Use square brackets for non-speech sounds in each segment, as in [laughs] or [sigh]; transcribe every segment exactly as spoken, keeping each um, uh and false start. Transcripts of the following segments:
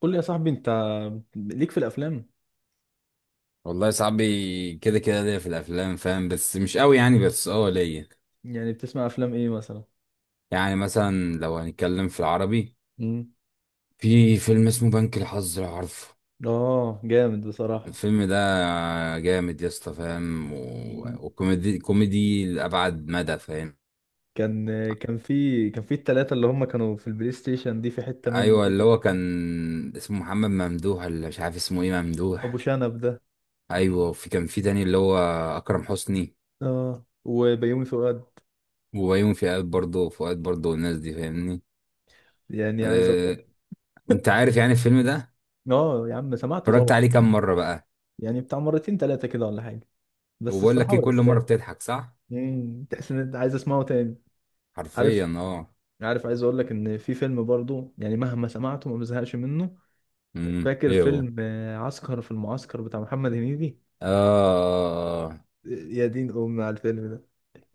قول لي يا صاحبي انت ليك في الافلام. والله صاحبي كده كده ليا في الافلام فاهم، بس مش قوي يعني، بس اه ليا. يعني بتسمع افلام ايه مثلا؟ يعني مثلا لو هنتكلم في العربي، مم. في فيلم اسمه بنك الحظ لو عارفه. اه، جامد بصراحة. الفيلم ده جامد يا اسطى فاهم، و... مم. وكوميدي كوميدي لابعد مدى فاهم. كان كان في كان في التلاتة اللي هم كانوا في البلاي ستيشن دي في حتة منه ايوه اللي كده. هو كان اسمه محمد ممدوح، اللي مش عارف اسمه ايه ابو ممدوح. شنب ده. ايوه، وفي كان في تاني اللي هو اكرم حسني اه، وبيومي فؤاد. وبيومي فؤاد، برضه فؤاد برضه، والناس دي فاهمني. يعني عايز اقول لك- أه... انت عارف يعني الفيلم ده. [laughs] اه يا عم، سمعته اتفرجت طبعا. عليه كام مرة بقى. يعني بتاع مرتين تلاتة كده ولا حاجة؟ بس وبقول لك الصراحة ايه، هو كل مره يستاهل. بتضحك صح. مم، تحس ان انت عايز اسمعه تاني. حرفيا عارف اه. عارف عايز اقول لك ان في فيلم برضو، يعني مهما سمعته ما بزهقش منه. امم فاكر ايه هو؟ فيلم آه، عسكر في المعسكر بتاع محمد هنيدي؟ اه. يا دين امي على الفيلم ده.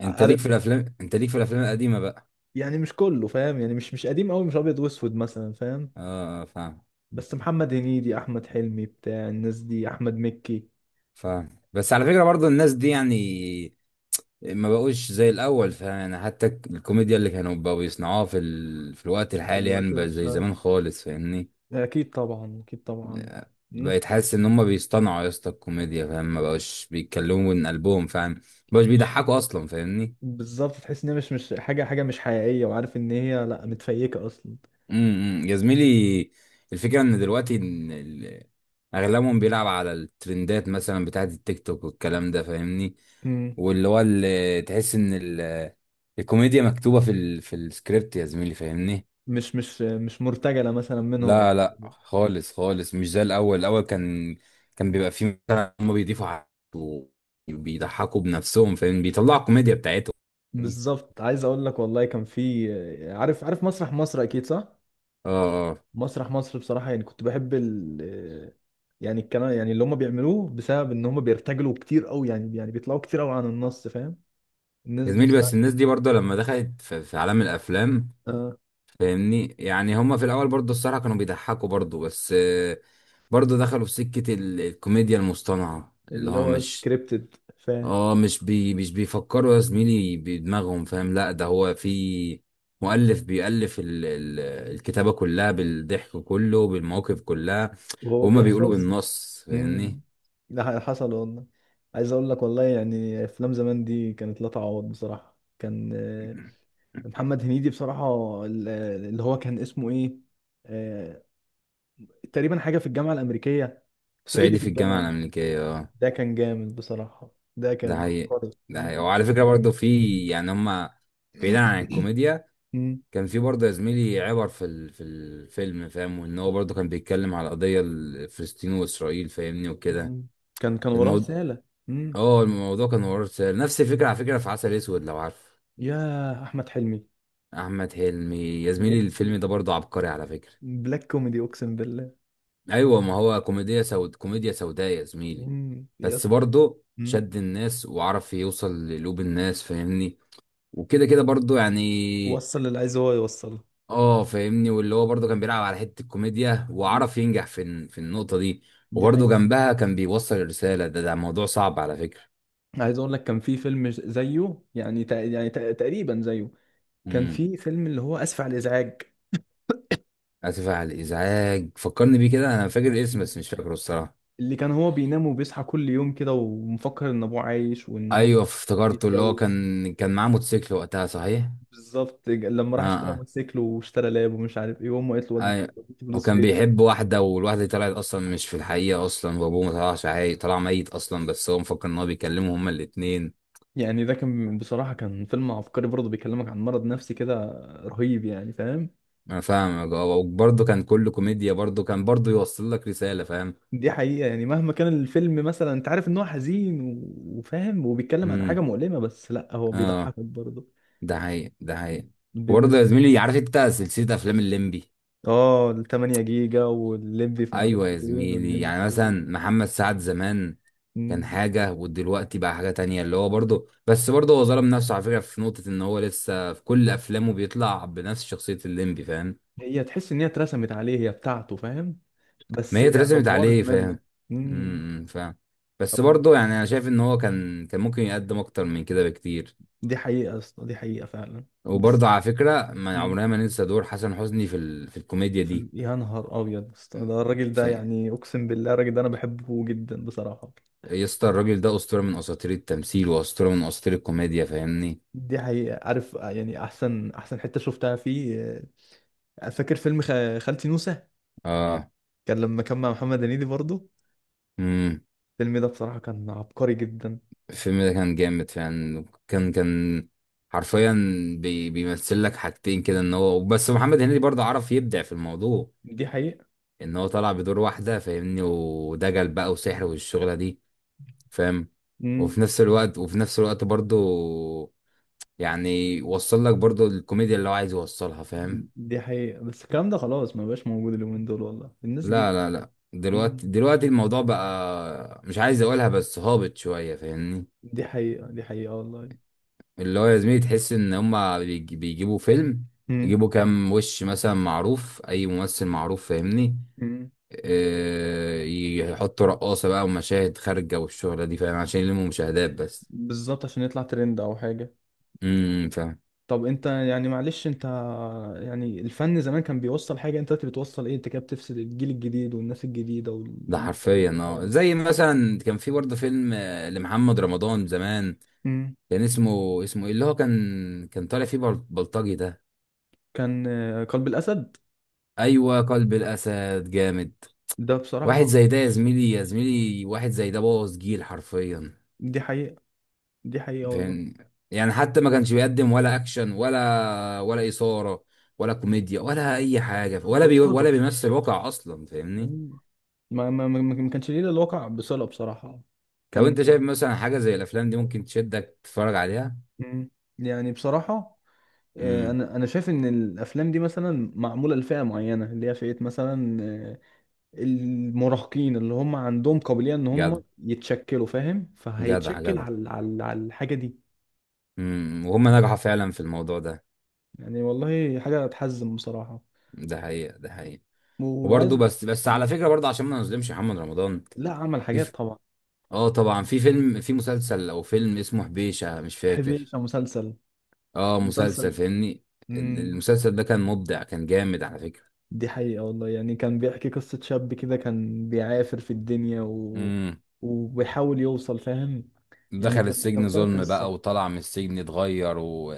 انت ليك عارف، في الافلام، انت ليك في الافلام القديمه بقى. يعني مش كله فاهم، يعني مش مش قديم قوي، مش ابيض واسود مثلا، فاهم. اه فاهم. بس محمد هنيدي، احمد حلمي، بتاع الناس دي، احمد مكي فاهم، بس على فكره برضو الناس دي يعني ما بقوش زي الاول فاهم، يعني حتى الكوميديا اللي كانوا بقوا بيصنعوها في ال... في الوقت في الحالي الوقت يعني بقى ده. زي آه. زمان خالص فاهمني. اكيد طبعا، اكيد طبعا. الناس بقيت حاسس ان هم بيصطنعوا يا اسطى الكوميديا فاهم، ما بقوش بيتكلموا من قلبهم فاهم، ما بقوش مش- بيضحكوا اصلا فاهمني. بالظبط، تحس ان هي مش مش حاجه حاجه مش حقيقيه، وعارف ان هي لا متفيكه اصلا. امم امم. يا زميلي، الفكره ان دلوقتي إن ال- اغلبهم بيلعب على الترندات مثلا بتاعت التيك توك والكلام ده فاهمني. مم. واللي هو اللي تحس ان ال- الكوميديا مكتوبه في ال... في السكريبت يا زميلي فاهمني. مش مش مش مرتجله مثلا منهم أو لا لا كده. خالص خالص، مش زي الاول. الاول كان كان بيبقى فيه مثلا هم بيضيفوا حاجات وبيضحكوا بنفسهم فاهم، بيطلعوا الكوميديا بتاعتهم فاهمني؟ بالظبط. عايز اقول لك والله، كان في- عارف عارف مسرح مصر اكيد، صح؟ اه اه، مسرح مصر بصراحة، يعني كنت بحب ال- يعني الكلام يعني اللي هم بيعملوه بسبب ان هم بيرتجلوا كتير قوي، يعني يعني بيطلعوا كتير قوي عن النص، فاهم. الناس يا دي زميلي بس بصراحة. الناس دي برضه لما دخلت في في عالم الافلام آه. فاهمني، يعني هما في الاول برضه الصراحه كانوا بيضحكوا برضه، بس آه، برضه دخلوا في سكه ال- الكوميديا المصطنعه اللي اللي هو هو مش، سكريبتد، فاهم. اه، مش بي مش بيفكروا يا زميلي بدماغهم فاهم، لا ده هو في مؤلف بيألف ال ال الكتابه كلها بالضحك كله بالمواقف كلها، وهو وهما بيقولوا بيحفظ. بالنص امم. فاهمني. ده ح- حصل والله. عايز اقول لك والله، يعني افلام زمان دي كانت لا تعوض بصراحة. كان آه، محمد هنيدي بصراحة ال- اللي هو كان اسمه ايه، آه، تقريبا حاجة في الجامعة الأمريكية، صعيدي صعيدي في في الجامعه الجامعة. الامريكيه، اه. ده كان جامد بصراحة. ده ده كان حقيقي، عبقري. ده حقيقي. مم. وعلى فكره برضه في، يعني هما، بعيدا عن [coughs] الكوميديا، مم. كان في برضه يا زميلي عبر في ال- في الفيلم فاهم، وان هو برضه كان بيتكلم على القضيه الفلسطين واسرائيل فاهمني وكده. مم. كان كان وراه الموضوع، رسالة. مم. اه الموضوع كان وراه رساله، نفس الفكره على فكره في عسل اسود لو عارف، يا أحمد حلمي. احمد حلمي. يا زميلي الفيلم بيحكي ده برضه عبقري على فكره. بلاك كوميدي، أقسم بالله. ايوه، ما هو كوميديا سود، كوميديا سوداء يا زميلي. مم، يس. بس برضه مم. شد الناس وعرف يوصل لقلوب الناس فاهمني. وكده كده برضه يعني، وصل اللي عايز هو يوصله. اه فاهمني، واللي هو برضه كان بيلعب على حته الكوميديا مم. وعرف ينجح في ال- في النقطه دي. دي وبرضه حقيقة. جنبها كان بيوصل الرساله، ده ده موضوع صعب على فكره. عايز أقول لك كان في فيلم زيه، يعني تق- يعني تق- تقريبا زيه. كان امم، في فيلم اللي هو آسف على الإزعاج. اسف على الازعاج. فكرني مم. بيه كده، انا فاكر الاسم مم. بس مش فاكره الصراحه. اللي كان هو بينام وبيصحى كل يوم كده، ومفكر إن أبوه عايش وإن هو ايوه افتكرته، اللي هو بيتجوز. كان كان معاه موتوسيكل وقتها صحيح. بالظبط، لما اه راح اشترى اه، موتوسيكل، واشترى لاب، ومش عارف ايه، وامه قالت له ودي ايوه. فلوس وكان فين. بيحب واحده، والواحده دي طلعت اصلا مش في الحقيقه اصلا، وابوه ما طلعش عاي، طلع ميت اصلا، بس هو مفكر ان هو بيكلمهم هما الاتنين. يعني ده كان بصراحة كان فيلم عبقري برضه، بيكلمك عن مرض نفسي كده رهيب يعني، فاهم. انا فاهمك اه، وبرضه كان كله كوميديا، برضه كان برضه يوصل لك رسالة فاهم. دي حقيقة. يعني مهما كان الفيلم مثلا، انت عارف ان هو حزين و- وفاهم وبيتكلم عن حاجة امم مؤلمة، بس لا هو اه، بيضحكك برضه. ده حقيقي، ده حقيقي. وبرضه يا بالنسبة- زميلي، عارف انت سلسلة افلام الليمبي؟ اه، ال تمانية جيجا، والليمبي في ايوه معرفش يا فين، زميلي، والليمبي في يعني مثلا إيه. محمد سعد زمان كان مم. حاجة، ودلوقتي بقى حاجة تانية، اللي هو برضه، بس برضه هو ظلم نفسه على فكرة في نقطة ان هو لسه في كل افلامه بيطلع بنفس شخصية الليمبي فاهم. هي تحس ان هي اترسمت عليه، هي بتاعته فاهم، ما بس هي هي اترسمت افورت عليه منه. فاهم. مم. امم فاهم. بس برضه يعني انا شايف ان هو كان كان ممكن يقدم اكتر من كده بكتير. دي حقيقة يا اسطى، دي حقيقة فعلا. بس. وبرضه على فكرة ما مم. عمرنا ما ننسى دور حسن حسني في ال... في الكوميديا في ال- دي. يا نهار أبيض يا اسطى، ده الراجل ده في، يعني أقسم بالله الراجل ده أنا بحبه جدا بصراحة. يا اسطى الراجل ده أسطورة من أساطير التمثيل وأسطورة من أساطير الكوميديا فاهمني. دي حقيقة. عارف، آه، يعني أحسن أحسن حتة شفتها فيه، آه، فاكر فيلم خ- خالتي نوسة؟ اه كان لما كان مع محمد هنيدي برضه. امم. الفيلم ده بصراحة كان عبقري جدا. الفيلم ده كان جامد فعلا، كان كان حرفيا بي... بيمثل لك حاجتين كده، ان هو بس محمد هنيدي برضه عرف يبدع في الموضوع، دي حقيقة. ان هو طلع بدور واحدة فاهمني، ودجل بقى وسحر والشغلة دي فاهم. مم. وفي نفس الوقت، وفي نفس الوقت برضه يعني وصل لك برضو الكوميديا اللي هو عايز يوصلها فاهم. دي حقيقة. بس الكلام ده خلاص ما بقاش موجود اليومين دول والله، الناس لا دي. لا لا، مم. دلوقتي دلوقتي الموضوع بقى مش عايز اقولها بس هابط شوية فاهمني. دي حقيقة، دي حقيقة والله. اللي هو يا زميلي تحس ان هما بيج- بيجيبوا فيلم، مم. يجيبوا كام وش مثلا معروف، اي ممثل معروف فاهمني. مم. آه، يحطوا رقاصة بقى، ومشاهد خارجة والشغلة دي فاهم، عشان يلموا مشاهدات بس. بالظبط، عشان يطلع ترند أو حاجة. امم فاهم. طب انت يعني معلش انت، يعني الفن زمان كان بيوصل حاجة، انت دلوقتي بتوصل ايه؟ انت كده بتفسد الجيل الجديد والناس الجديدة ده والاجيال حرفيا اللي اه، طالعة. زي مثلا كان في برضه فيلم آه، لمحمد رمضان زمان، امم. كان اسمه اسمه ايه، اللي هو كان كان طالع فيه بل- بلطجي ده. كان آه، قلب الأسد. ايوه، قلب الاسد جامد. ده واحد بصراحة. زي ده يا زميلي، يا زميلي واحد زي ده بوظ جيل حرفيا دي حقيقة، دي حقيقة والله. فاهم. يعني حتى ما كانش بيقدم ولا اكشن، ولا ولا اثاره، ولا كوميديا، ولا اي حاجه، ولا بي بلطجة. ولا بيمثل واقع اصلا فاهمني. مم. ما ما ما ما كانش ليه إلا الواقع بصلة بصراحة. طب انت كان. شايف مثلا حاجه زي الافلام دي ممكن تشدك تتفرج عليها؟ مم. يعني بصراحة آه، امم. انا انا شايف ان الافلام دي مثلا معمولة لفئة معينة، اللي هي فئة مثلا آه، المراهقين، اللي هم عندهم قابلية ان هم جدع يتشكلوا، فاهم، جدع فهيتشكل جدع. على على على الحاجة دي. امم وهم نجحوا فعلا في الموضوع ده. يعني والله حاجة تحزن بصراحة. ده حقيقه، ده حقيقه. وبرضه وعايز- بس بس على فكره برضه عشان ما نظلمش محمد رمضان، لا، عمل في حاجات ف... طبعا. اه طبعا في فيلم، في مسلسل او فيلم اسمه حبيشه مش بحب فاكر. يعيش على مسلسل، اه مسلسل. مسلسل فاهمني. ال- امم. المسلسل ده كان مبدع، كان جامد على فكره. دي حقيقة والله، يعني كان بيحكي قصة شاب كده كان بيعافر في الدنيا و- امم. وبيحاول يوصل، فاهم. يعني دخل كان كان السجن فيها ظلم قصة. بقى، وطلع من السجن اتغير و...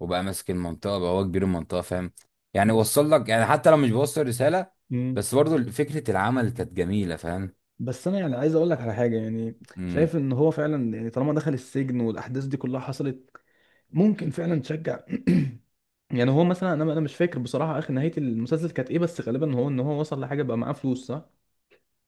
وبقى ماسك المنطقه بقى، هو كبير المنطقه فاهم. يعني بس وصل لك يعني، حتى لو مش بيوصل رساله بس برضه فكره العمل كانت جميله فاهم. بس انا يعني عايز اقول لك على حاجه، يعني مم. شايف ان هو فعلا يعني طالما دخل السجن والاحداث دي كلها حصلت، ممكن فعلا تشجع. [clears throat] يعني هو مثلا، انا انا مش فاكر بصراحه اخر نهايه المسلسل كانت ايه، بس غالبا هو ان هو وصل لحاجه بقى معاه فلوس، صح؟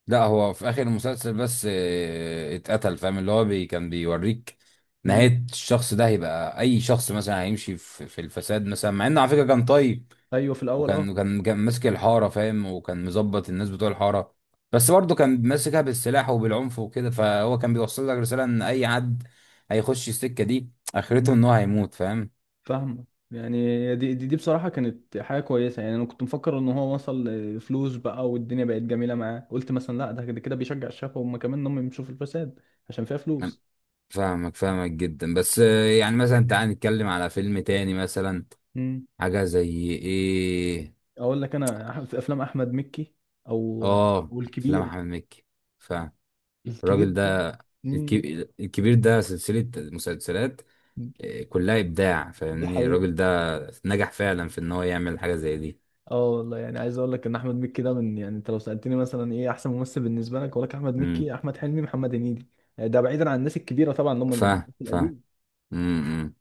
لا هو في اخر المسلسل بس آه، اتقتل فاهم، اللي هو بي كان بيوريك مم. نهاية الشخص ده، هيبقى اي شخص مثلا هيمشي في, في الفساد مثلا مع انه على فكرة كان طيب. ايوه، في الاول اه. وكان كان كان ماسك الحارة فاهم، وكان مظبط الناس بتوع الحارة، بس برضه كان ماسكها بالسلاح وبالعنف وكده، فهو كان بيوصل لك رسالة ان اي حد هيخش السكة دي اخرته مم. ان هو هيموت فاهم. فاهمه. يعني دي, دي دي بصراحه كانت حاجه كويسه. يعني انا كنت مفكر ان هو وصل فلوس بقى والدنيا بقت جميله معاه، قلت مثلا لا، ده كده كده بيشجع الشباب هم كمان ان هم يمشوا في الفساد عشان فيها أنا فلوس. فاهمك، فاهمك جدا بس آه، يعني مثلا تعال نتكلم على فيلم تاني مثلا، حاجة زي ايه. اقول لك انا أح- في افلام احمد مكي او- اه افلام والكبير، احمد مكي، فالراجل الكبير ده. ده مم. الكبير، الكبير ده سلسلة مسلسلات آه، كلها ابداع دي فاهمني. حقيقة. الراجل ده نجح فعلا في ان هو يعمل حاجة زي دي. اه والله، يعني عايز اقول لك ان احمد مكي ده من- يعني انت لو سألتني مثلا ايه احسن ممثل بالنسبة لك، اقول لك احمد امم. مكي، احمد حلمي، محمد هنيدي، آه، ده بعيدا عن الناس الكبيرة طبعا، اللي هم ف الناس ف القديم. امم.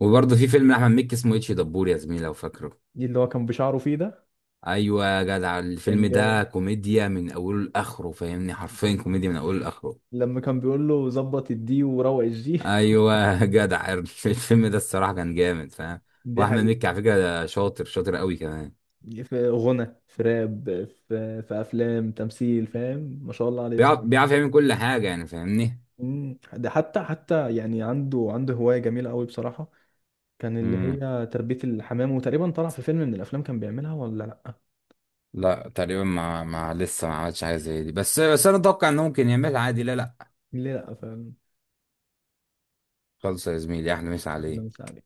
وبرضه في فيلم احمد مكي اسمه اتش دبور يا زميلي لو فاكره. دي اللي هو كان بشعره فيه ده. ايوه يا جدع، كان الفيلم جامد ده كوميديا من اوله لاخره فاهمني، حرفيا كوميديا من اوله لاخره. لما كان بيقول له ظبط الدي وروق الجي. ايوه يا جدع [laughs] الفيلم ده [laughs] الصراحة كان جامد فاهم. دي واحمد حقيقة. مكي على فكرة ده شاطر شاطر قوي كمان، في غنى، في راب، في في افلام تمثيل، فاهم. ما شاء الله عليه بيعرف بصراحة. بيعرف يعمل كل حاجة يعني فاهمني. مم. ده حتى حتى يعني عنده عنده هواية جميلة قوي بصراحة، كان اللي امم. هي تربية الحمام، وتقريبا طلع في فيلم من الأفلام كان بيعملها ولا لأ؟ لا تقريبا ما ما لسه ما عملش حاجه زي دي، بس بس انا اتوقع انه ممكن يعملها عادي. لا لا. ليه لأ فعلا. خلص يا زميلي احنا مش عليه. أحلام سعد